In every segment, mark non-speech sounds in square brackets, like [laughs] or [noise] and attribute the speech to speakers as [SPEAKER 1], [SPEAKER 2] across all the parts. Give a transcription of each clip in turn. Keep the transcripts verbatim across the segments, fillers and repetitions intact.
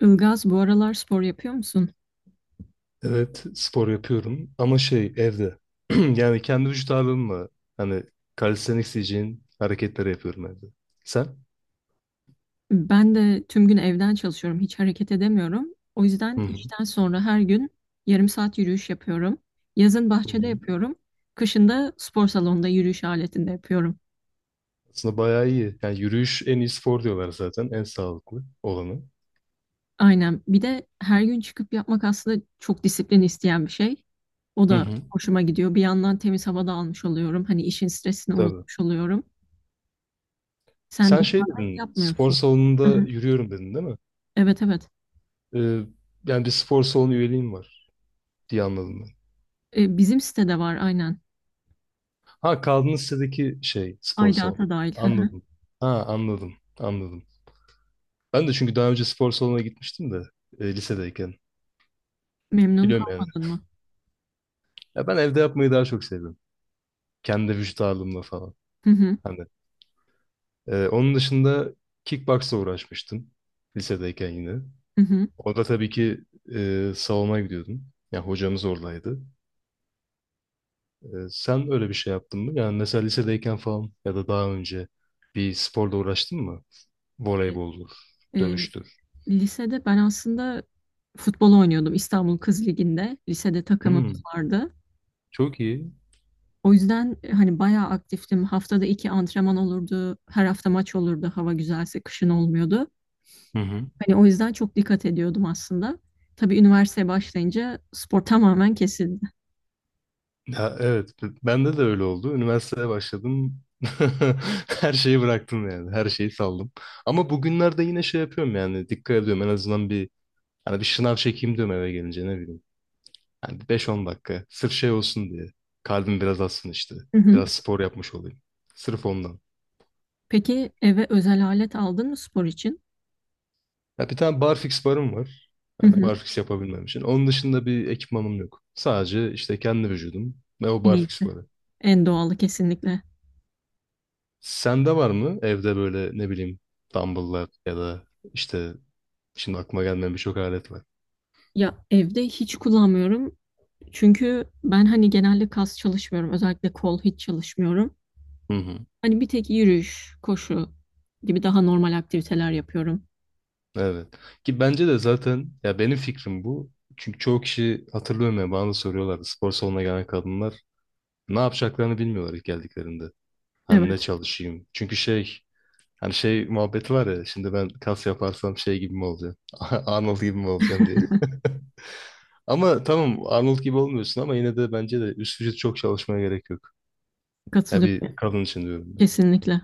[SPEAKER 1] Ilgaz, bu aralar spor yapıyor musun?
[SPEAKER 2] Evet, spor yapıyorum ama şey evde. [clears throat] Yani kendi vücut ağırlığımla hani calisthenics diyeceğin hareketleri yapıyorum evde. Sen?
[SPEAKER 1] Ben de tüm gün evden çalışıyorum, hiç hareket edemiyorum. O
[SPEAKER 2] Hı
[SPEAKER 1] yüzden
[SPEAKER 2] hı.
[SPEAKER 1] işten sonra her gün yarım saat yürüyüş yapıyorum. Yazın
[SPEAKER 2] Hı
[SPEAKER 1] bahçede
[SPEAKER 2] hı.
[SPEAKER 1] yapıyorum. Kışın da spor salonunda yürüyüş aletinde yapıyorum.
[SPEAKER 2] Aslında bayağı iyi. Yani yürüyüş en iyi spor diyorlar zaten. En sağlıklı olanı.
[SPEAKER 1] Aynen. Bir de her gün çıkıp yapmak aslında çok disiplin isteyen bir şey. O
[SPEAKER 2] Hı
[SPEAKER 1] da
[SPEAKER 2] hı.
[SPEAKER 1] hoşuma gidiyor. Bir yandan temiz havada almış oluyorum. Hani işin stresini
[SPEAKER 2] Tabii.
[SPEAKER 1] unutmuş oluyorum. Sen
[SPEAKER 2] Sen şey
[SPEAKER 1] dışarıda
[SPEAKER 2] dedin, spor
[SPEAKER 1] yapmıyorsun.
[SPEAKER 2] salonunda
[SPEAKER 1] Aha.
[SPEAKER 2] yürüyorum dedin değil mi?
[SPEAKER 1] Evet, evet.
[SPEAKER 2] Ee, yani bir spor salonu üyeliğim var diye anladım ben.
[SPEAKER 1] E, Bizim sitede var aynen.
[SPEAKER 2] Ha kaldığın sitedeki şey spor salonu.
[SPEAKER 1] Aydat'a dahil. [laughs]
[SPEAKER 2] Anladım. Ha anladım. Anladım. Ben de çünkü daha önce spor salonuna gitmiştim de e, lisedeyken.
[SPEAKER 1] Memnun
[SPEAKER 2] Biliyorum yani.
[SPEAKER 1] kalmadın mı?
[SPEAKER 2] Ya ben evde yapmayı daha çok seviyorum. Kendi vücut ağırlığımla falan.
[SPEAKER 1] Hı hı,
[SPEAKER 2] Hani e, onun dışında kickboxla uğraşmıştım lisedeyken yine.
[SPEAKER 1] hı hı.
[SPEAKER 2] Orada tabii ki e, salona gidiyordum. Ya hocamız oradaydı. E, sen öyle bir şey yaptın mı? Yani mesela lisedeyken falan ya da daha önce bir sporla uğraştın mı?
[SPEAKER 1] E,
[SPEAKER 2] Voleyboldur,
[SPEAKER 1] e,
[SPEAKER 2] dövüştür.
[SPEAKER 1] lisede ben aslında futbol oynuyordum İstanbul Kız Ligi'nde. Lisede takımımız
[SPEAKER 2] Hmm,
[SPEAKER 1] vardı.
[SPEAKER 2] çok iyi.
[SPEAKER 1] O yüzden e, hani bayağı aktiftim. Haftada iki antrenman olurdu. Her hafta maç olurdu. Hava güzelse kışın olmuyordu.
[SPEAKER 2] Hı hı.
[SPEAKER 1] Hani o yüzden çok dikkat ediyordum aslında. Tabii üniversiteye başlayınca spor tamamen kesildi.
[SPEAKER 2] Ya evet, b- bende de öyle oldu. Üniversiteye başladım. [laughs] Her şeyi bıraktım yani. Her şeyi saldım. Ama bugünlerde yine şey yapıyorum yani. Dikkat ediyorum. En azından bir hani bir şınav çekeyim diyorum eve gelince ne bileyim. Yani beş on dakika. Sırf şey olsun diye. Kalbim biraz atsın işte.
[SPEAKER 1] Hı hı.
[SPEAKER 2] Biraz spor yapmış olayım. Sırf ondan.
[SPEAKER 1] Peki eve özel alet aldın mı spor için?
[SPEAKER 2] Ya bir tane barfix barım var.
[SPEAKER 1] Hı
[SPEAKER 2] Yani
[SPEAKER 1] hı.
[SPEAKER 2] barfix yapabilmem için. Onun dışında bir ekipmanım yok. Sadece işte kendi vücudum ve o
[SPEAKER 1] En
[SPEAKER 2] barfix
[SPEAKER 1] iyisi.
[SPEAKER 2] barı.
[SPEAKER 1] En doğalı kesinlikle.
[SPEAKER 2] Sende var mı evde böyle ne bileyim dumbbell'lar ya da işte şimdi aklıma gelmeyen birçok alet var.
[SPEAKER 1] Ya evde hiç kullanmıyorum. Çünkü ben hani genelde kas çalışmıyorum. Özellikle kol hiç çalışmıyorum.
[SPEAKER 2] Hı hı.
[SPEAKER 1] Hani bir tek yürüyüş, koşu gibi daha normal aktiviteler yapıyorum.
[SPEAKER 2] Evet. Ki bence de zaten ya benim fikrim bu. Çünkü çoğu kişi hatırlıyorum ya bana da soruyorlardı spor salonuna gelen kadınlar ne yapacaklarını bilmiyorlar ilk geldiklerinde. Hani
[SPEAKER 1] Evet,
[SPEAKER 2] ne çalışayım? Çünkü şey hani şey muhabbeti var ya şimdi ben kas yaparsam şey gibi mi olacağım? [laughs] Arnold gibi mi olacağım diye. [laughs] Ama tamam Arnold gibi olmuyorsun ama yine de bence de üst vücut çok çalışmaya gerek yok. Ya bir
[SPEAKER 1] katılıyorum.
[SPEAKER 2] kadın için diyorum.
[SPEAKER 1] Kesinlikle.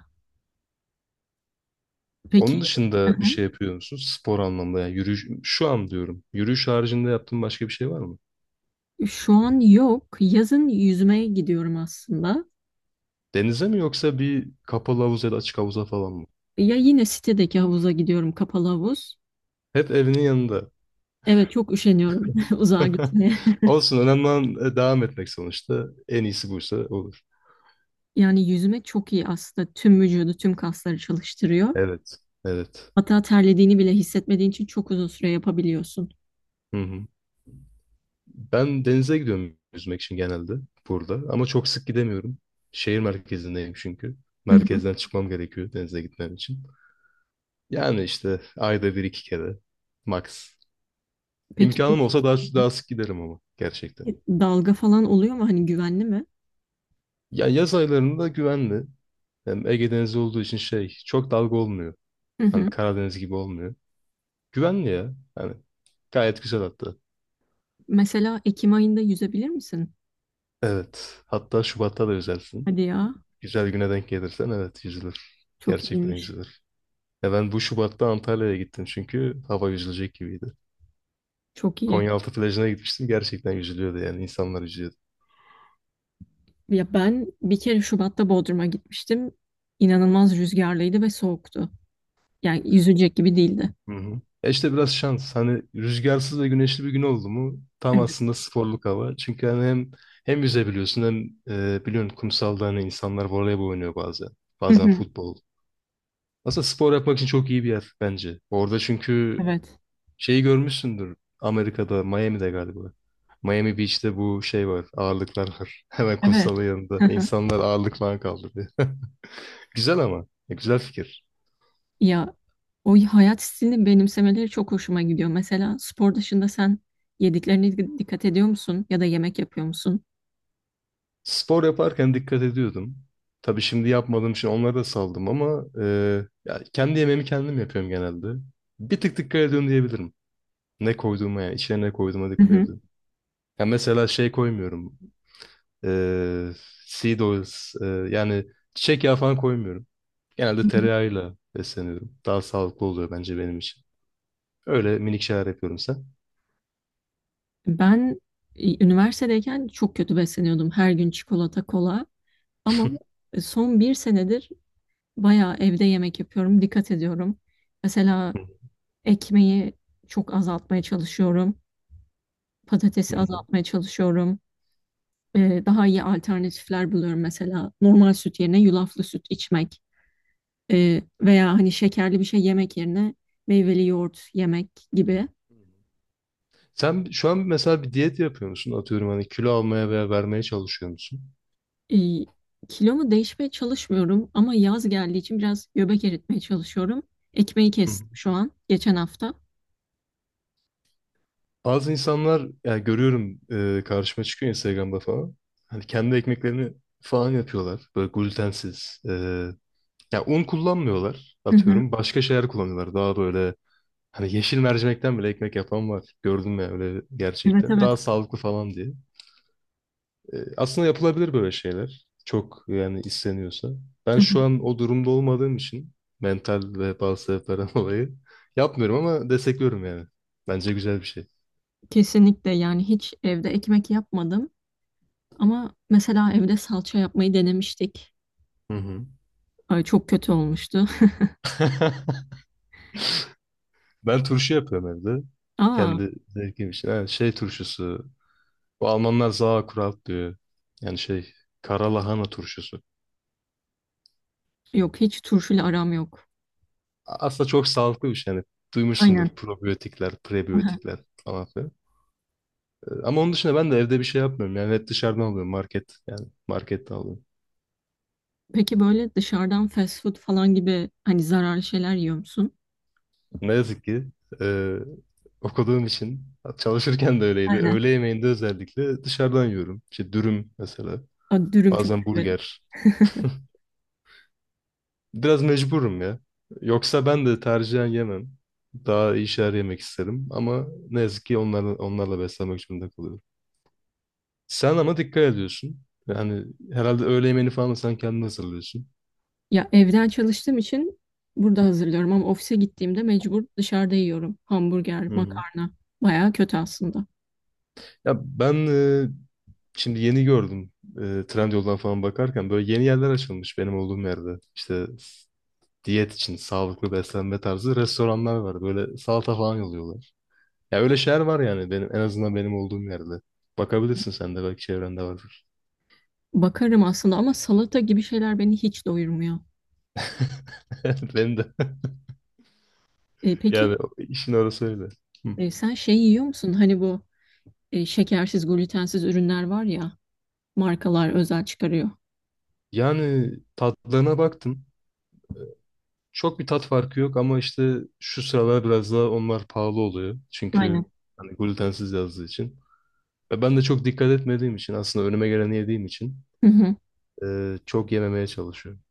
[SPEAKER 1] Peki,
[SPEAKER 2] Onun dışında bir
[SPEAKER 1] aha,
[SPEAKER 2] şey yapıyor musunuz? Spor anlamda yani yürüyüş, şu an diyorum. Yürüyüş haricinde yaptığın başka bir şey var mı?
[SPEAKER 1] şu an yok. Yazın yüzmeye gidiyorum aslında.
[SPEAKER 2] Denize mi yoksa bir kapalı havuz ya da açık havuza falan mı?
[SPEAKER 1] Ya yine sitedeki havuza gidiyorum, kapalı havuz.
[SPEAKER 2] Hep evinin yanında.
[SPEAKER 1] Evet, çok üşeniyorum [laughs] uzağa
[SPEAKER 2] [laughs]
[SPEAKER 1] gitmeye.
[SPEAKER 2] Olsun önemli olan e, devam etmek sonuçta. En iyisi buysa olur.
[SPEAKER 1] Yani yüzme çok iyi aslında. Tüm vücudu, tüm kasları çalıştırıyor.
[SPEAKER 2] Evet. Evet.
[SPEAKER 1] Hatta terlediğini bile hissetmediğin için çok uzun süre yapabiliyorsun.
[SPEAKER 2] Hı hı. Ben denize gidiyorum yüzmek için genelde burada. Ama çok sık gidemiyorum. Şehir merkezindeyim çünkü.
[SPEAKER 1] Hı hı.
[SPEAKER 2] Merkezden çıkmam gerekiyor denize gitmem için. Yani işte ayda bir iki kere. Max.
[SPEAKER 1] Peki
[SPEAKER 2] İmkanım olsa daha, daha sık giderim ama gerçekten.
[SPEAKER 1] dalga falan oluyor mu? Hani güvenli mi?
[SPEAKER 2] Ya yaz aylarında güvenli. Hem Ege Denizi olduğu için şey çok dalga olmuyor.
[SPEAKER 1] Hı
[SPEAKER 2] Hani
[SPEAKER 1] hı.
[SPEAKER 2] Karadeniz gibi olmuyor. Güvenli ya. Hani gayet güzel hatta.
[SPEAKER 1] Mesela Ekim ayında yüzebilir misin?
[SPEAKER 2] Evet. Hatta Şubat'ta da yüzersin.
[SPEAKER 1] Hadi ya.
[SPEAKER 2] Güzel güne denk gelirsen evet yüzülür.
[SPEAKER 1] Çok
[SPEAKER 2] Gerçekten
[SPEAKER 1] iyiymiş.
[SPEAKER 2] yüzülür. Ya ben bu Şubat'ta Antalya'ya gittim çünkü hava yüzülecek gibiydi.
[SPEAKER 1] Çok iyi.
[SPEAKER 2] Konyaaltı plajına gitmiştim. Gerçekten yüzülüyordu yani. İnsanlar yüzüyordu.
[SPEAKER 1] Ya ben bir kere Şubat'ta Bodrum'a gitmiştim. İnanılmaz rüzgarlıydı ve soğuktu. Yani yüzecek gibi değildi.
[SPEAKER 2] Hı hı. E işte biraz şans. Hani rüzgarsız ve güneşli bir gün oldu mu tam
[SPEAKER 1] Evet.
[SPEAKER 2] aslında sporluk hava. Çünkü hani hem hem yüzebiliyorsun hem e, biliyorsun kumsalda hani insanlar voleybol oynuyor bazen.
[SPEAKER 1] Hı
[SPEAKER 2] Bazen
[SPEAKER 1] hı.
[SPEAKER 2] futbol. Aslında spor yapmak için çok iyi bir yer bence. Orada çünkü
[SPEAKER 1] Evet.
[SPEAKER 2] şeyi görmüşsündür. Amerika'da, Miami'de galiba. Miami Beach'te bu şey var. Ağırlıklar var. [laughs] Hemen
[SPEAKER 1] Evet.
[SPEAKER 2] kumsalın yanında.
[SPEAKER 1] Hı hı.
[SPEAKER 2] İnsanlar ağırlık falan kaldırıyor. [laughs] Güzel ama. Ya, güzel fikir.
[SPEAKER 1] Ya o hayat stilini benimsemeleri çok hoşuma gidiyor. Mesela spor dışında sen yediklerine di- dikkat ediyor musun? Ya da yemek yapıyor musun?
[SPEAKER 2] Spor yaparken dikkat ediyordum. Tabii şimdi yapmadığım için onları da saldım ama e, ya kendi yemeğimi kendim yapıyorum genelde. Bir tık dikkat ediyorum diyebilirim. Ne koyduğuma yani içine ne koyduğuma
[SPEAKER 1] Hı
[SPEAKER 2] dikkat
[SPEAKER 1] hı.
[SPEAKER 2] ediyorum. Ya mesela şey koymuyorum. E, seed oils e, yani çiçek yağı falan koymuyorum.
[SPEAKER 1] Hı
[SPEAKER 2] Genelde
[SPEAKER 1] hı.
[SPEAKER 2] tereyağıyla besleniyorum. Daha sağlıklı oluyor bence benim için. Öyle minik şeyler yapıyorum sen.
[SPEAKER 1] Ben e, üniversitedeyken çok kötü besleniyordum. Her gün çikolata, kola. Ama e, son bir senedir bayağı evde yemek yapıyorum. Dikkat ediyorum. Mesela
[SPEAKER 2] Hı
[SPEAKER 1] ekmeği çok azaltmaya çalışıyorum. Patatesi
[SPEAKER 2] hı. Hı.
[SPEAKER 1] azaltmaya çalışıyorum. Ee, daha iyi alternatifler buluyorum. Mesela normal süt yerine yulaflı süt içmek ee, veya hani şekerli bir şey yemek yerine meyveli yoğurt yemek gibi.
[SPEAKER 2] Sen şu an mesela bir diyet yapıyor musun? Atıyorum hani kilo almaya veya vermeye çalışıyor musun?
[SPEAKER 1] E, Kilomu değişmeye çalışmıyorum ama yaz geldiği için biraz göbek eritmeye çalışıyorum. Ekmeği
[SPEAKER 2] Hı. Hı.
[SPEAKER 1] kestim şu an geçen hafta.
[SPEAKER 2] Bazı insanlar ya görüyorum e, karşıma çıkıyor Instagram'da falan. Hani kendi ekmeklerini falan yapıyorlar. Böyle glutensiz. E, ya un kullanmıyorlar
[SPEAKER 1] Hı hı.
[SPEAKER 2] atıyorum. Başka şeyler kullanıyorlar. Daha böyle hani yeşil mercimekten bile ekmek yapan var. Gördüm ya öyle
[SPEAKER 1] Evet,
[SPEAKER 2] gerçekten.
[SPEAKER 1] evet.
[SPEAKER 2] Daha sağlıklı falan diye. E, Aslında yapılabilir böyle şeyler. Çok yani isteniyorsa. Ben
[SPEAKER 1] Hı hı.
[SPEAKER 2] şu an o durumda olmadığım için mental ve bazı sebeplerden [laughs] dolayı yapmıyorum ama destekliyorum yani. Bence güzel bir şey.
[SPEAKER 1] Kesinlikle, yani hiç evde ekmek yapmadım ama mesela evde salça yapmayı denemiştik.
[SPEAKER 2] Hı hı.
[SPEAKER 1] Ay, çok kötü olmuştu.
[SPEAKER 2] [laughs] Ben turşu yapıyorum evde.
[SPEAKER 1] [laughs] Aa,
[SPEAKER 2] Kendi zevkim için. Ha, şey turşusu. Bu Almanlar Sauerkraut diyor. Yani şey kara lahana turşusu.
[SPEAKER 1] yok, hiç turşuyla aram yok.
[SPEAKER 2] A- Aslında çok sağlıklı bir şey. Yani duymuşsundur
[SPEAKER 1] Aynen.
[SPEAKER 2] probiyotikler,
[SPEAKER 1] [laughs] Aha.
[SPEAKER 2] prebiyotikler falan. Ama onun dışında ben de evde bir şey yapmıyorum. Yani hep dışarıdan alıyorum market. Yani markette alıyorum.
[SPEAKER 1] Peki böyle dışarıdan fast food falan gibi hani zararlı şeyler yiyor musun?
[SPEAKER 2] Ne yazık ki e, okuduğum için çalışırken de öyleydi.
[SPEAKER 1] Aynen.
[SPEAKER 2] Öğle yemeğinde özellikle dışarıdan yiyorum. İşte dürüm mesela.
[SPEAKER 1] Aa, dürüm çok
[SPEAKER 2] Bazen
[SPEAKER 1] severim.
[SPEAKER 2] burger. Biraz mecburum ya. Yoksa ben de tercihen yemem. Daha iyi şeyler yemek isterim. Ama ne yazık ki onlarla, onlarla beslenmek zorunda kalıyorum. Sen ama dikkat ediyorsun. Yani herhalde öğle yemeğini falan da sen kendin hazırlıyorsun.
[SPEAKER 1] Ya evden çalıştığım için burada hazırlıyorum ama ofise gittiğimde mecbur dışarıda yiyorum. Hamburger,
[SPEAKER 2] Hı hı.
[SPEAKER 1] makarna. Bayağı kötü aslında.
[SPEAKER 2] Ya ben e, Şimdi yeni gördüm. E, Trendyol'dan falan bakarken böyle yeni yerler açılmış benim olduğum yerde. İşte s- diyet için sağlıklı beslenme tarzı restoranlar var. Böyle salata falan yolluyorlar. Ya öyle şeyler var yani benim en azından benim olduğum yerde. Bakabilirsin sen de belki çevrende vardır.
[SPEAKER 1] Bakarım aslında ama salata gibi şeyler beni hiç doyurmuyor.
[SPEAKER 2] [laughs] Benim de. [laughs]
[SPEAKER 1] E, peki,
[SPEAKER 2] Yani o- işin orası öyle. Hı.
[SPEAKER 1] e, sen şey yiyor musun? Hani bu e, şekersiz, glutensiz ürünler var ya, markalar özel çıkarıyor.
[SPEAKER 2] Yani tatlarına baktım. Çok bir tat farkı yok ama işte şu sıralar biraz daha onlar pahalı oluyor. Çünkü
[SPEAKER 1] Aynen.
[SPEAKER 2] hani glutensiz yazdığı için. Ve ben de çok dikkat etmediğim için aslında önüme geleni yediğim için
[SPEAKER 1] Hı hı.
[SPEAKER 2] e, çok yememeye çalışıyorum.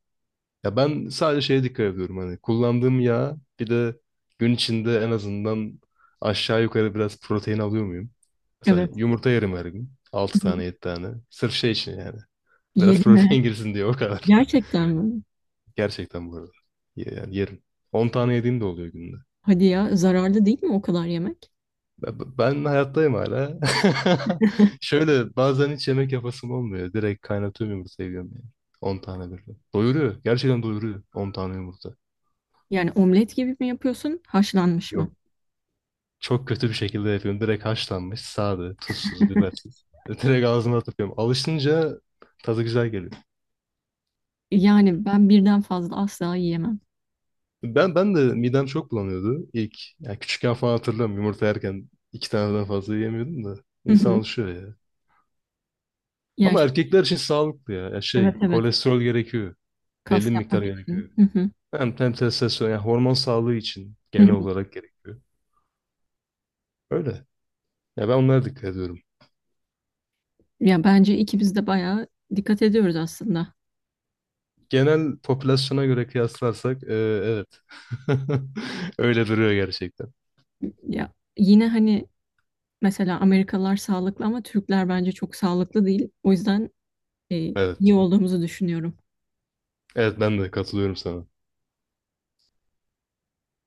[SPEAKER 2] Ya ben sadece şeye dikkat ediyorum hani kullandığım yağ bir de gün içinde en azından aşağı yukarı biraz protein alıyor muyum? Mesela
[SPEAKER 1] Evet.
[SPEAKER 2] yumurta yerim her gün. Altı
[SPEAKER 1] Hı hı.
[SPEAKER 2] tane yedi tane. Sırf şey için yani. Biraz [laughs]
[SPEAKER 1] Yedin mi?
[SPEAKER 2] protein girsin diye o
[SPEAKER 1] [laughs]
[SPEAKER 2] kadar. [laughs]
[SPEAKER 1] Gerçekten mi?
[SPEAKER 2] Gerçekten bu arada. Ye- Yani yerim. On tane yediğim de oluyor günde.
[SPEAKER 1] Hadi ya, zararlı değil mi o kadar yemek?
[SPEAKER 2] Ben ben hayattayım hala. [laughs]
[SPEAKER 1] [laughs]
[SPEAKER 2] Şöyle bazen hiç yemek yapasım olmuyor. Direkt kaynatıyorum yumurtayı yiyorum yani. on tane böyle. Doyuruyor. Gerçekten doyuruyor. On tane yumurta.
[SPEAKER 1] Yani omlet gibi mi yapıyorsun, haşlanmış mı?
[SPEAKER 2] Yok. Çok kötü bir şekilde yapıyorum. Direkt haşlanmış, sade, tuzsuz, bibersiz. [laughs] Direkt ağzıma atıyorum. Alışınca tadı güzel geliyor.
[SPEAKER 1] Yani ben birden fazla asla yiyemem.
[SPEAKER 2] Ben ben de midem çok bulanıyordu ilk. Yani küçükken falan hatırlıyorum yumurta yerken iki taneden fazla yiyemiyordum da.
[SPEAKER 1] Hı
[SPEAKER 2] İnsan
[SPEAKER 1] hı.
[SPEAKER 2] alışıyor ya.
[SPEAKER 1] Yani
[SPEAKER 2] Ama
[SPEAKER 1] ş-
[SPEAKER 2] erkekler için sağlıklı ya. Ya
[SPEAKER 1] evet,
[SPEAKER 2] şey,
[SPEAKER 1] evet,
[SPEAKER 2] kolesterol gerekiyor. Belli
[SPEAKER 1] kas
[SPEAKER 2] bir miktar
[SPEAKER 1] yapmak
[SPEAKER 2] gerekiyor.
[SPEAKER 1] için. Hı hı.
[SPEAKER 2] Hem, hem testosteron yani hormon sağlığı için
[SPEAKER 1] Hı
[SPEAKER 2] genel
[SPEAKER 1] hı.
[SPEAKER 2] olarak gerekiyor. Öyle. Ya ben onlara dikkat ediyorum.
[SPEAKER 1] Ya bence ikimiz de bayağı dikkat ediyoruz aslında.
[SPEAKER 2] Genel popülasyona göre kıyaslarsak e, evet. [laughs] Öyle duruyor gerçekten.
[SPEAKER 1] Ya yine hani mesela Amerikalılar sağlıklı ama Türkler bence çok sağlıklı değil. O yüzden e,
[SPEAKER 2] Evet.
[SPEAKER 1] iyi olduğumuzu düşünüyorum.
[SPEAKER 2] Evet ben de katılıyorum sana.